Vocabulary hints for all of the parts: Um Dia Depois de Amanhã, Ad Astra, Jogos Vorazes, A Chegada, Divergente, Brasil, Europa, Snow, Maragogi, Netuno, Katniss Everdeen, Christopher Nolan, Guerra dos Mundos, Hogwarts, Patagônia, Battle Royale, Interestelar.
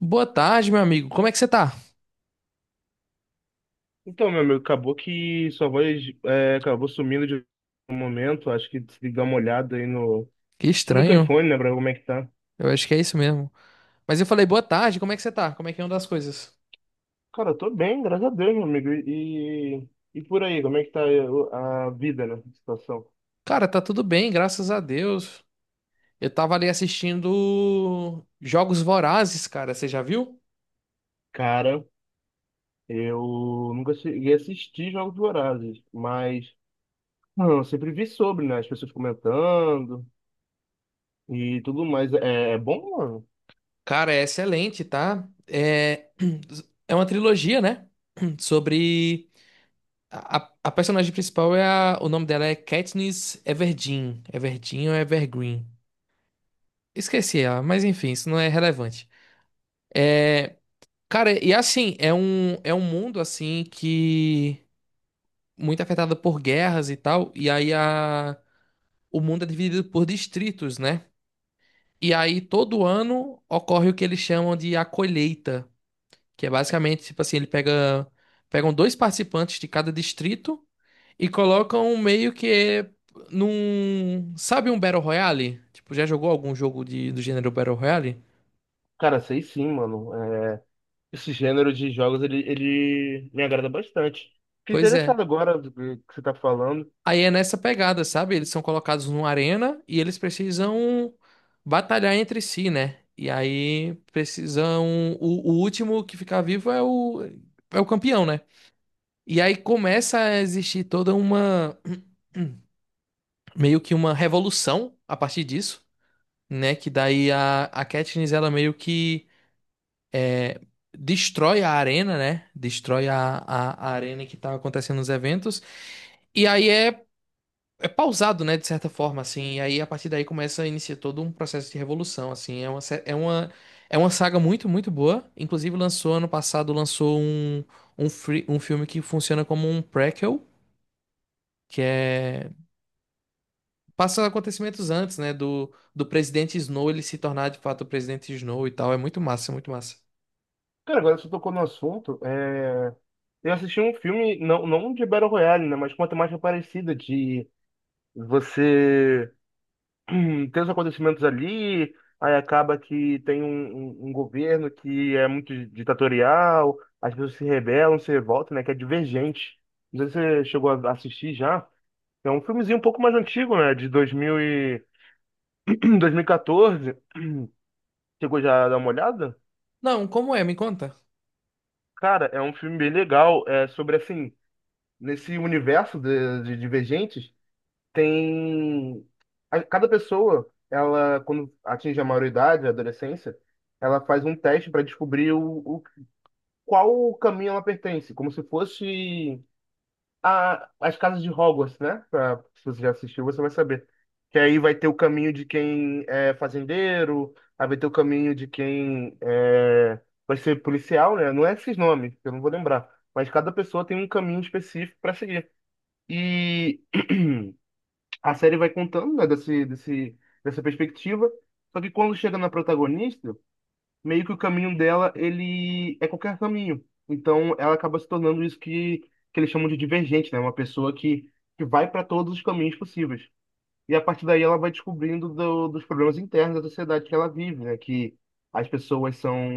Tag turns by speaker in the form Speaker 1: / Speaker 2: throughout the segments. Speaker 1: Boa tarde, meu amigo. Como é que você tá?
Speaker 2: Então, meu amigo, acabou que sua voz acabou sumindo de um momento. Acho que se dá uma olhada aí no
Speaker 1: Que
Speaker 2: seu
Speaker 1: estranho.
Speaker 2: microfone, né, pra ver como é que tá.
Speaker 1: Eu acho que é isso mesmo. Mas eu falei, boa tarde, como é que você tá? Como é que anda as coisas?
Speaker 2: Cara, eu tô bem, graças a Deus, meu amigo. E por aí, como é que tá a vida, né, a situação?
Speaker 1: Cara, tá tudo bem, graças a Deus. Eu tava ali assistindo Jogos Vorazes, cara. Você já viu?
Speaker 2: Cara, eu nunca cheguei a assistir Jogos Vorazes, mas não, eu sempre vi sobre, né, as pessoas comentando e tudo mais. É bom, mano?
Speaker 1: Cara, é excelente, tá? É uma trilogia, né? Sobre. A personagem principal é a... O nome dela é Katniss Everdeen. Everdeen ou Evergreen. Esqueci ela, mas enfim, isso não é relevante. É, Cara, e assim, é um mundo assim que muito afetado por guerras e tal, o mundo é dividido por distritos, né? E aí todo ano ocorre o que eles chamam de a colheita, que é basicamente tipo assim, ele pega pegam dois participantes de cada distrito e colocam meio que sabe um Battle Royale? Tipo, já jogou algum jogo do gênero Battle Royale?
Speaker 2: Cara, sei sim, mano. Esse gênero de jogos, ele me agrada bastante. Fiquei
Speaker 1: Pois é.
Speaker 2: interessado agora do que você tá falando.
Speaker 1: Aí é nessa pegada, sabe? Eles são colocados numa arena e eles precisam batalhar entre si, né? E aí precisam. O último que ficar vivo é o campeão, né? E aí começa a existir toda uma. Meio que uma revolução a partir disso, né? Que daí a Katniss, ela meio que destrói a arena, né? Destrói a arena que tá acontecendo nos eventos. E aí é pausado, né, de certa forma, assim, e aí a partir daí começa a iniciar todo um processo de revolução, assim, é uma, sé- é uma saga muito, muito boa, inclusive lançou ano passado, lançou um filme que funciona como um prequel, que é, passa acontecimentos antes, né, do presidente Snow, ele se tornar de fato o presidente Snow e tal, é muito massa, muito massa.
Speaker 2: Cara, agora você tocou no assunto. Eu assisti um filme, não, não de Battle Royale, né? Mas com uma temática parecida, de você ter os acontecimentos ali, aí acaba que tem um governo que é muito ditatorial, as pessoas se rebelam, se revoltam, né? Que é Divergente. Não sei se você chegou a assistir já. É um filmezinho um pouco mais antigo, né? De 2000 e... 2014. Chegou já a dar uma olhada?
Speaker 1: Não, como é, me conta?
Speaker 2: Cara, é um filme bem legal. É sobre assim, nesse universo de divergentes, tem. Cada pessoa, ela, quando atinge a maioridade, a adolescência, ela faz um teste para descobrir qual caminho ela pertence, como se fosse as casas de Hogwarts, né? Se você já assistiu, você vai saber. Que aí vai ter o caminho de quem é fazendeiro, aí vai ter o caminho de quem é, vai ser policial, né? Não é esses nomes, eu não vou lembrar. Mas cada pessoa tem um caminho específico para seguir. E a série vai contando, né, dessa perspectiva. Só que quando chega na protagonista, meio que o caminho dela, ele é qualquer caminho. Então, ela acaba se tornando isso que eles chamam de divergente, né? Uma pessoa que vai para todos os caminhos possíveis. E a partir daí ela vai descobrindo dos problemas internos da sociedade que ela vive, né? Que as pessoas são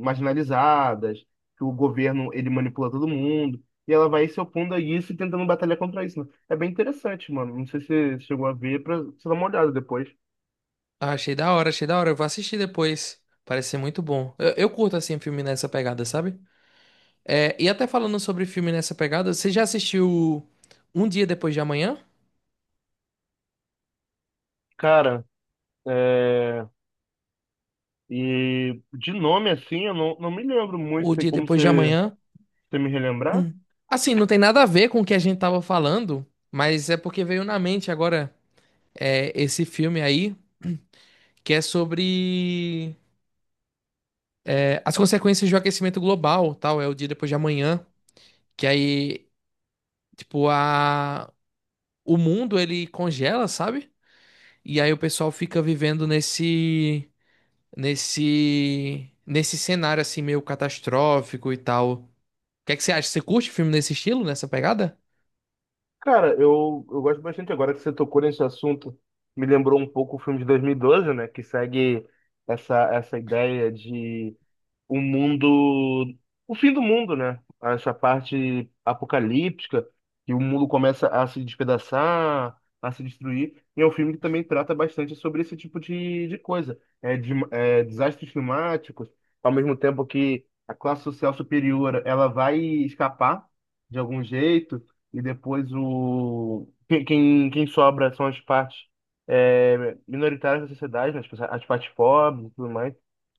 Speaker 2: marginalizadas, que o governo, ele manipula todo mundo. E ela vai se opondo a isso e tentando batalhar contra isso, né? É bem interessante, mano. Não sei se você chegou a ver, pra você dar uma olhada depois.
Speaker 1: Ah, achei da hora, eu vou assistir depois, parece ser muito bom, eu curto, assim, filme nessa pegada, sabe? É, e até falando sobre filme nessa pegada, você já assistiu Um Dia Depois de Amanhã?
Speaker 2: Cara, e de nome assim, eu não, não me lembro muito,
Speaker 1: O
Speaker 2: tem
Speaker 1: Dia
Speaker 2: como
Speaker 1: Depois de
Speaker 2: você,
Speaker 1: Amanhã?
Speaker 2: você me relembrar?
Speaker 1: Assim, não tem nada a ver com o que a gente tava falando, mas é porque veio na mente agora esse filme aí, que é sobre as consequências do aquecimento global, tal, é o Dia Depois de Amanhã, que aí, tipo, a... o mundo ele congela, sabe? E aí o pessoal fica vivendo nesse cenário assim meio catastrófico e tal. O que é que você acha? Você curte filme nesse estilo, nessa pegada?
Speaker 2: Cara, eu gosto bastante agora que você tocou nesse assunto. Me lembrou um pouco o filme de 2012, né? Que segue essa ideia de o mundo, o fim do mundo, né? Essa parte apocalíptica, que o mundo começa a se despedaçar, a se destruir. E é um filme que também trata bastante sobre esse tipo de coisa. Desastres climáticos, ao mesmo tempo que a classe social superior, ela vai escapar de algum jeito, e depois o, quem, quem quem sobra são as partes minoritárias da sociedade, né? As partes pobres e tudo mais.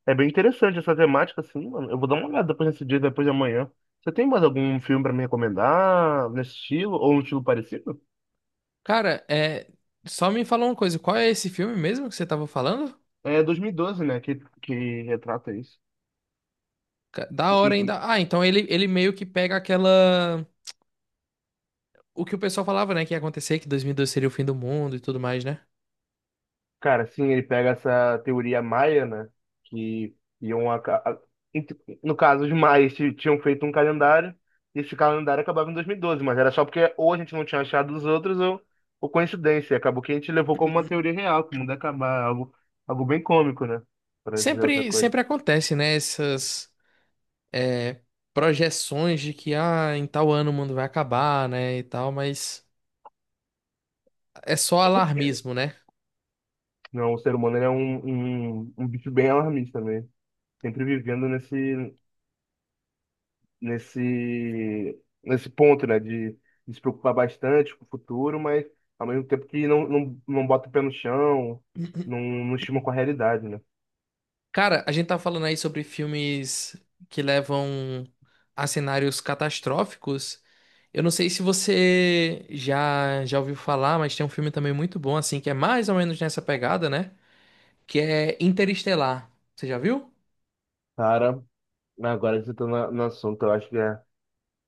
Speaker 2: É bem interessante essa temática, assim, mano. Eu vou dar uma olhada depois nesse Dia Depois de Amanhã. Você tem mais algum filme pra me recomendar nesse estilo, ou um estilo parecido?
Speaker 1: Cara, é. Só me fala uma coisa, qual é esse filme mesmo que você tava falando?
Speaker 2: É 2012, né, que retrata isso.
Speaker 1: Ca- Da
Speaker 2: E-
Speaker 1: hora
Speaker 2: e- e-
Speaker 1: ainda. Ah, então ele meio que pega aquela. O que o pessoal falava, né? Que ia acontecer, que 2002 seria o fim do mundo e tudo mais, né?
Speaker 2: Cara, sim, ele pega essa teoria maia, né? Que iam. Aca- a- ent- No caso, os maias tinham feito um calendário, e esse calendário acabava em 2012, mas era só porque ou a gente não tinha achado os outros, ou coincidência. Acabou que a gente levou como uma teoria real, que o mundo ia acabar, algo bem cômico, né? Pra dizer outra coisa.
Speaker 1: Sempre acontece, né? Essas é, projeções de que ah, em tal ano o mundo vai acabar, né? E tal, mas é só alarmismo, né?
Speaker 2: Não, o ser humano ele é um bicho bem alarmista, né? Sempre vivendo nesse ponto, né? De se preocupar bastante com o futuro, mas ao mesmo tempo que não bota o pé no chão, não estima com a realidade, né?
Speaker 1: Cara, a gente tá falando aí sobre filmes que levam a cenários catastróficos. Eu não sei se você já ouviu falar, mas tem um filme também muito bom assim, que é mais ou menos nessa pegada, né? Que é Interestelar. Você já viu?
Speaker 2: Cara, agora que você tá no assunto, eu acho que é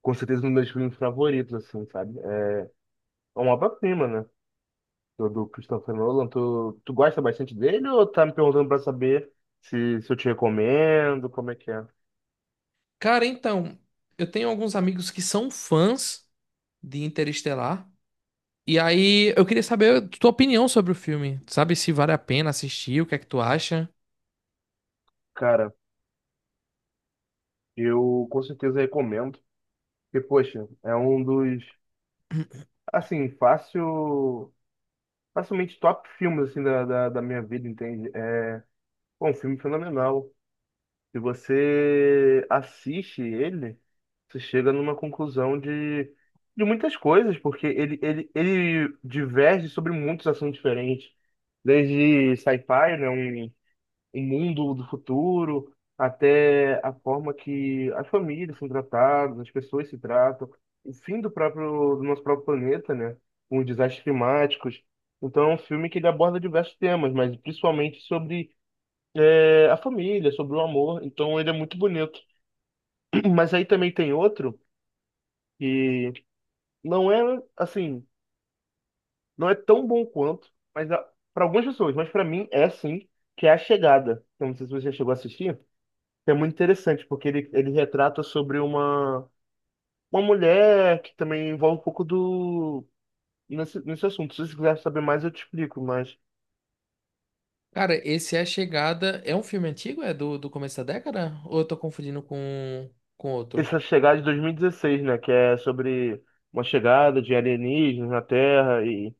Speaker 2: com certeza um dos meus filmes favoritos, assim, sabe? É uma obra-prima, né? Do Christopher Nolan. Tu gosta bastante dele ou tá me perguntando pra saber se eu te recomendo, como é que é?
Speaker 1: Cara, então, eu tenho alguns amigos que são fãs de Interestelar. E aí, eu queria saber a tua opinião sobre o filme. Sabe se vale a pena assistir, o que é que tu acha?
Speaker 2: Cara. Eu com certeza recomendo, porque, poxa, é um dos, assim, fácil, facilmente top filmes, assim, da minha vida, entende? É, pô, um filme fenomenal. Se você assiste ele, você chega numa conclusão de muitas coisas, porque ele diverge sobre muitos assuntos diferentes, desde sci-fi, né, o mundo do futuro, até a forma que as famílias são tratadas, as pessoas se tratam, o fim do próprio, do nosso próprio planeta, né? Com os desastres climáticos. Então, é um filme que ele aborda diversos temas, mas principalmente sobre a família, sobre o amor. Então, ele é muito bonito. Mas aí também tem outro que não é, assim, não é tão bom quanto, mas para algumas pessoas, mas para mim é sim, que é A Chegada. Eu não sei se você já chegou a assistir. É muito interessante, porque ele retrata sobre uma mulher que também envolve um pouco do. Nesse assunto. Se você quiser saber mais, eu te explico, mas.
Speaker 1: Cara, esse É a Chegada. É um filme antigo? É do começo da década? Ou eu tô confundindo com outro?
Speaker 2: Essa chegada de 2016, né? Que é sobre uma chegada de alienígenas na Terra e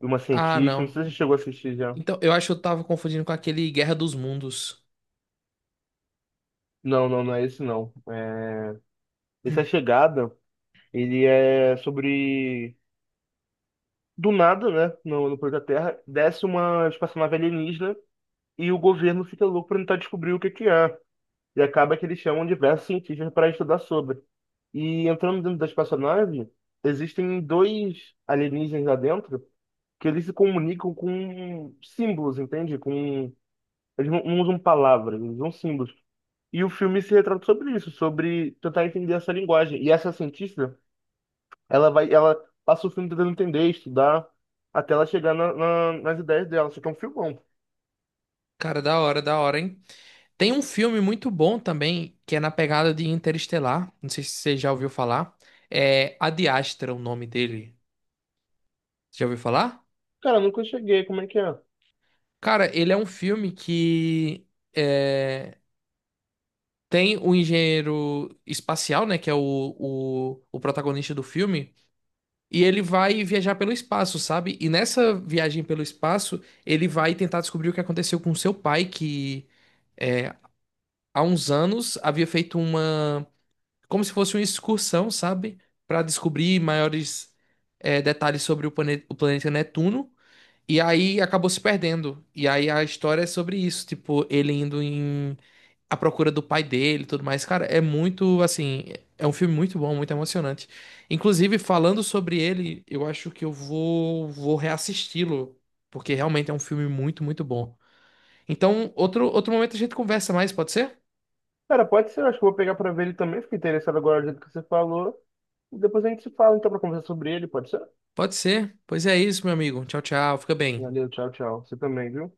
Speaker 2: uma
Speaker 1: Ah,
Speaker 2: cientista. Não
Speaker 1: não.
Speaker 2: sei se você chegou a assistir já.
Speaker 1: Então, eu acho que eu tava confundindo com aquele Guerra dos Mundos.
Speaker 2: Não, não, não é esse não. É, essa chegada, ele é sobre. Do nada, né? No planeta Terra, desce uma espaçonave alienígena e o governo fica louco pra tentar descobrir o que que é. E acaba que eles chamam diversos cientistas para estudar sobre. E entrando dentro da espaçonave, existem dois alienígenas lá dentro que eles se comunicam com símbolos, entende? Com... Eles não usam palavras, eles usam símbolos. E o filme se retrata sobre isso, sobre tentar entender essa linguagem. E essa cientista, ela vai, ela passa o filme tentando entender, estudar, até ela chegar nas ideias dela. Só que é um filmão.
Speaker 1: Cara, da hora, hein? Tem um filme muito bom também, que é na pegada de Interestelar. Não sei se você já ouviu falar. É Ad Astra, o nome dele. Já ouviu falar?
Speaker 2: Cara, eu nunca cheguei, como é que é?
Speaker 1: Cara, ele é um filme que é, tem o engenheiro espacial, né? Que é o protagonista do filme. E ele vai viajar pelo espaço, sabe? E nessa viagem pelo espaço, ele vai tentar descobrir o que aconteceu com seu pai, que há uns anos havia feito uma. Como se fosse uma excursão, sabe? Pra descobrir maiores detalhes sobre o planeta Netuno. E aí acabou se perdendo. E aí a história é sobre isso, tipo, ele indo em a procura do pai dele e tudo mais. Cara, é muito, assim, é um filme muito bom, muito emocionante. Inclusive, falando sobre ele, eu acho que vou reassisti-lo, porque realmente é um filme muito, muito bom. Então, outro momento a gente conversa mais, pode ser?
Speaker 2: Cara, pode ser, acho que eu vou pegar pra ver ele também. Fiquei interessado agora do jeito que você falou. Depois a gente se fala então pra conversar sobre ele, pode ser?
Speaker 1: Pode ser. Pois é isso, meu amigo. Tchau, tchau. Fica bem.
Speaker 2: Valeu, tchau, tchau. Você também, viu?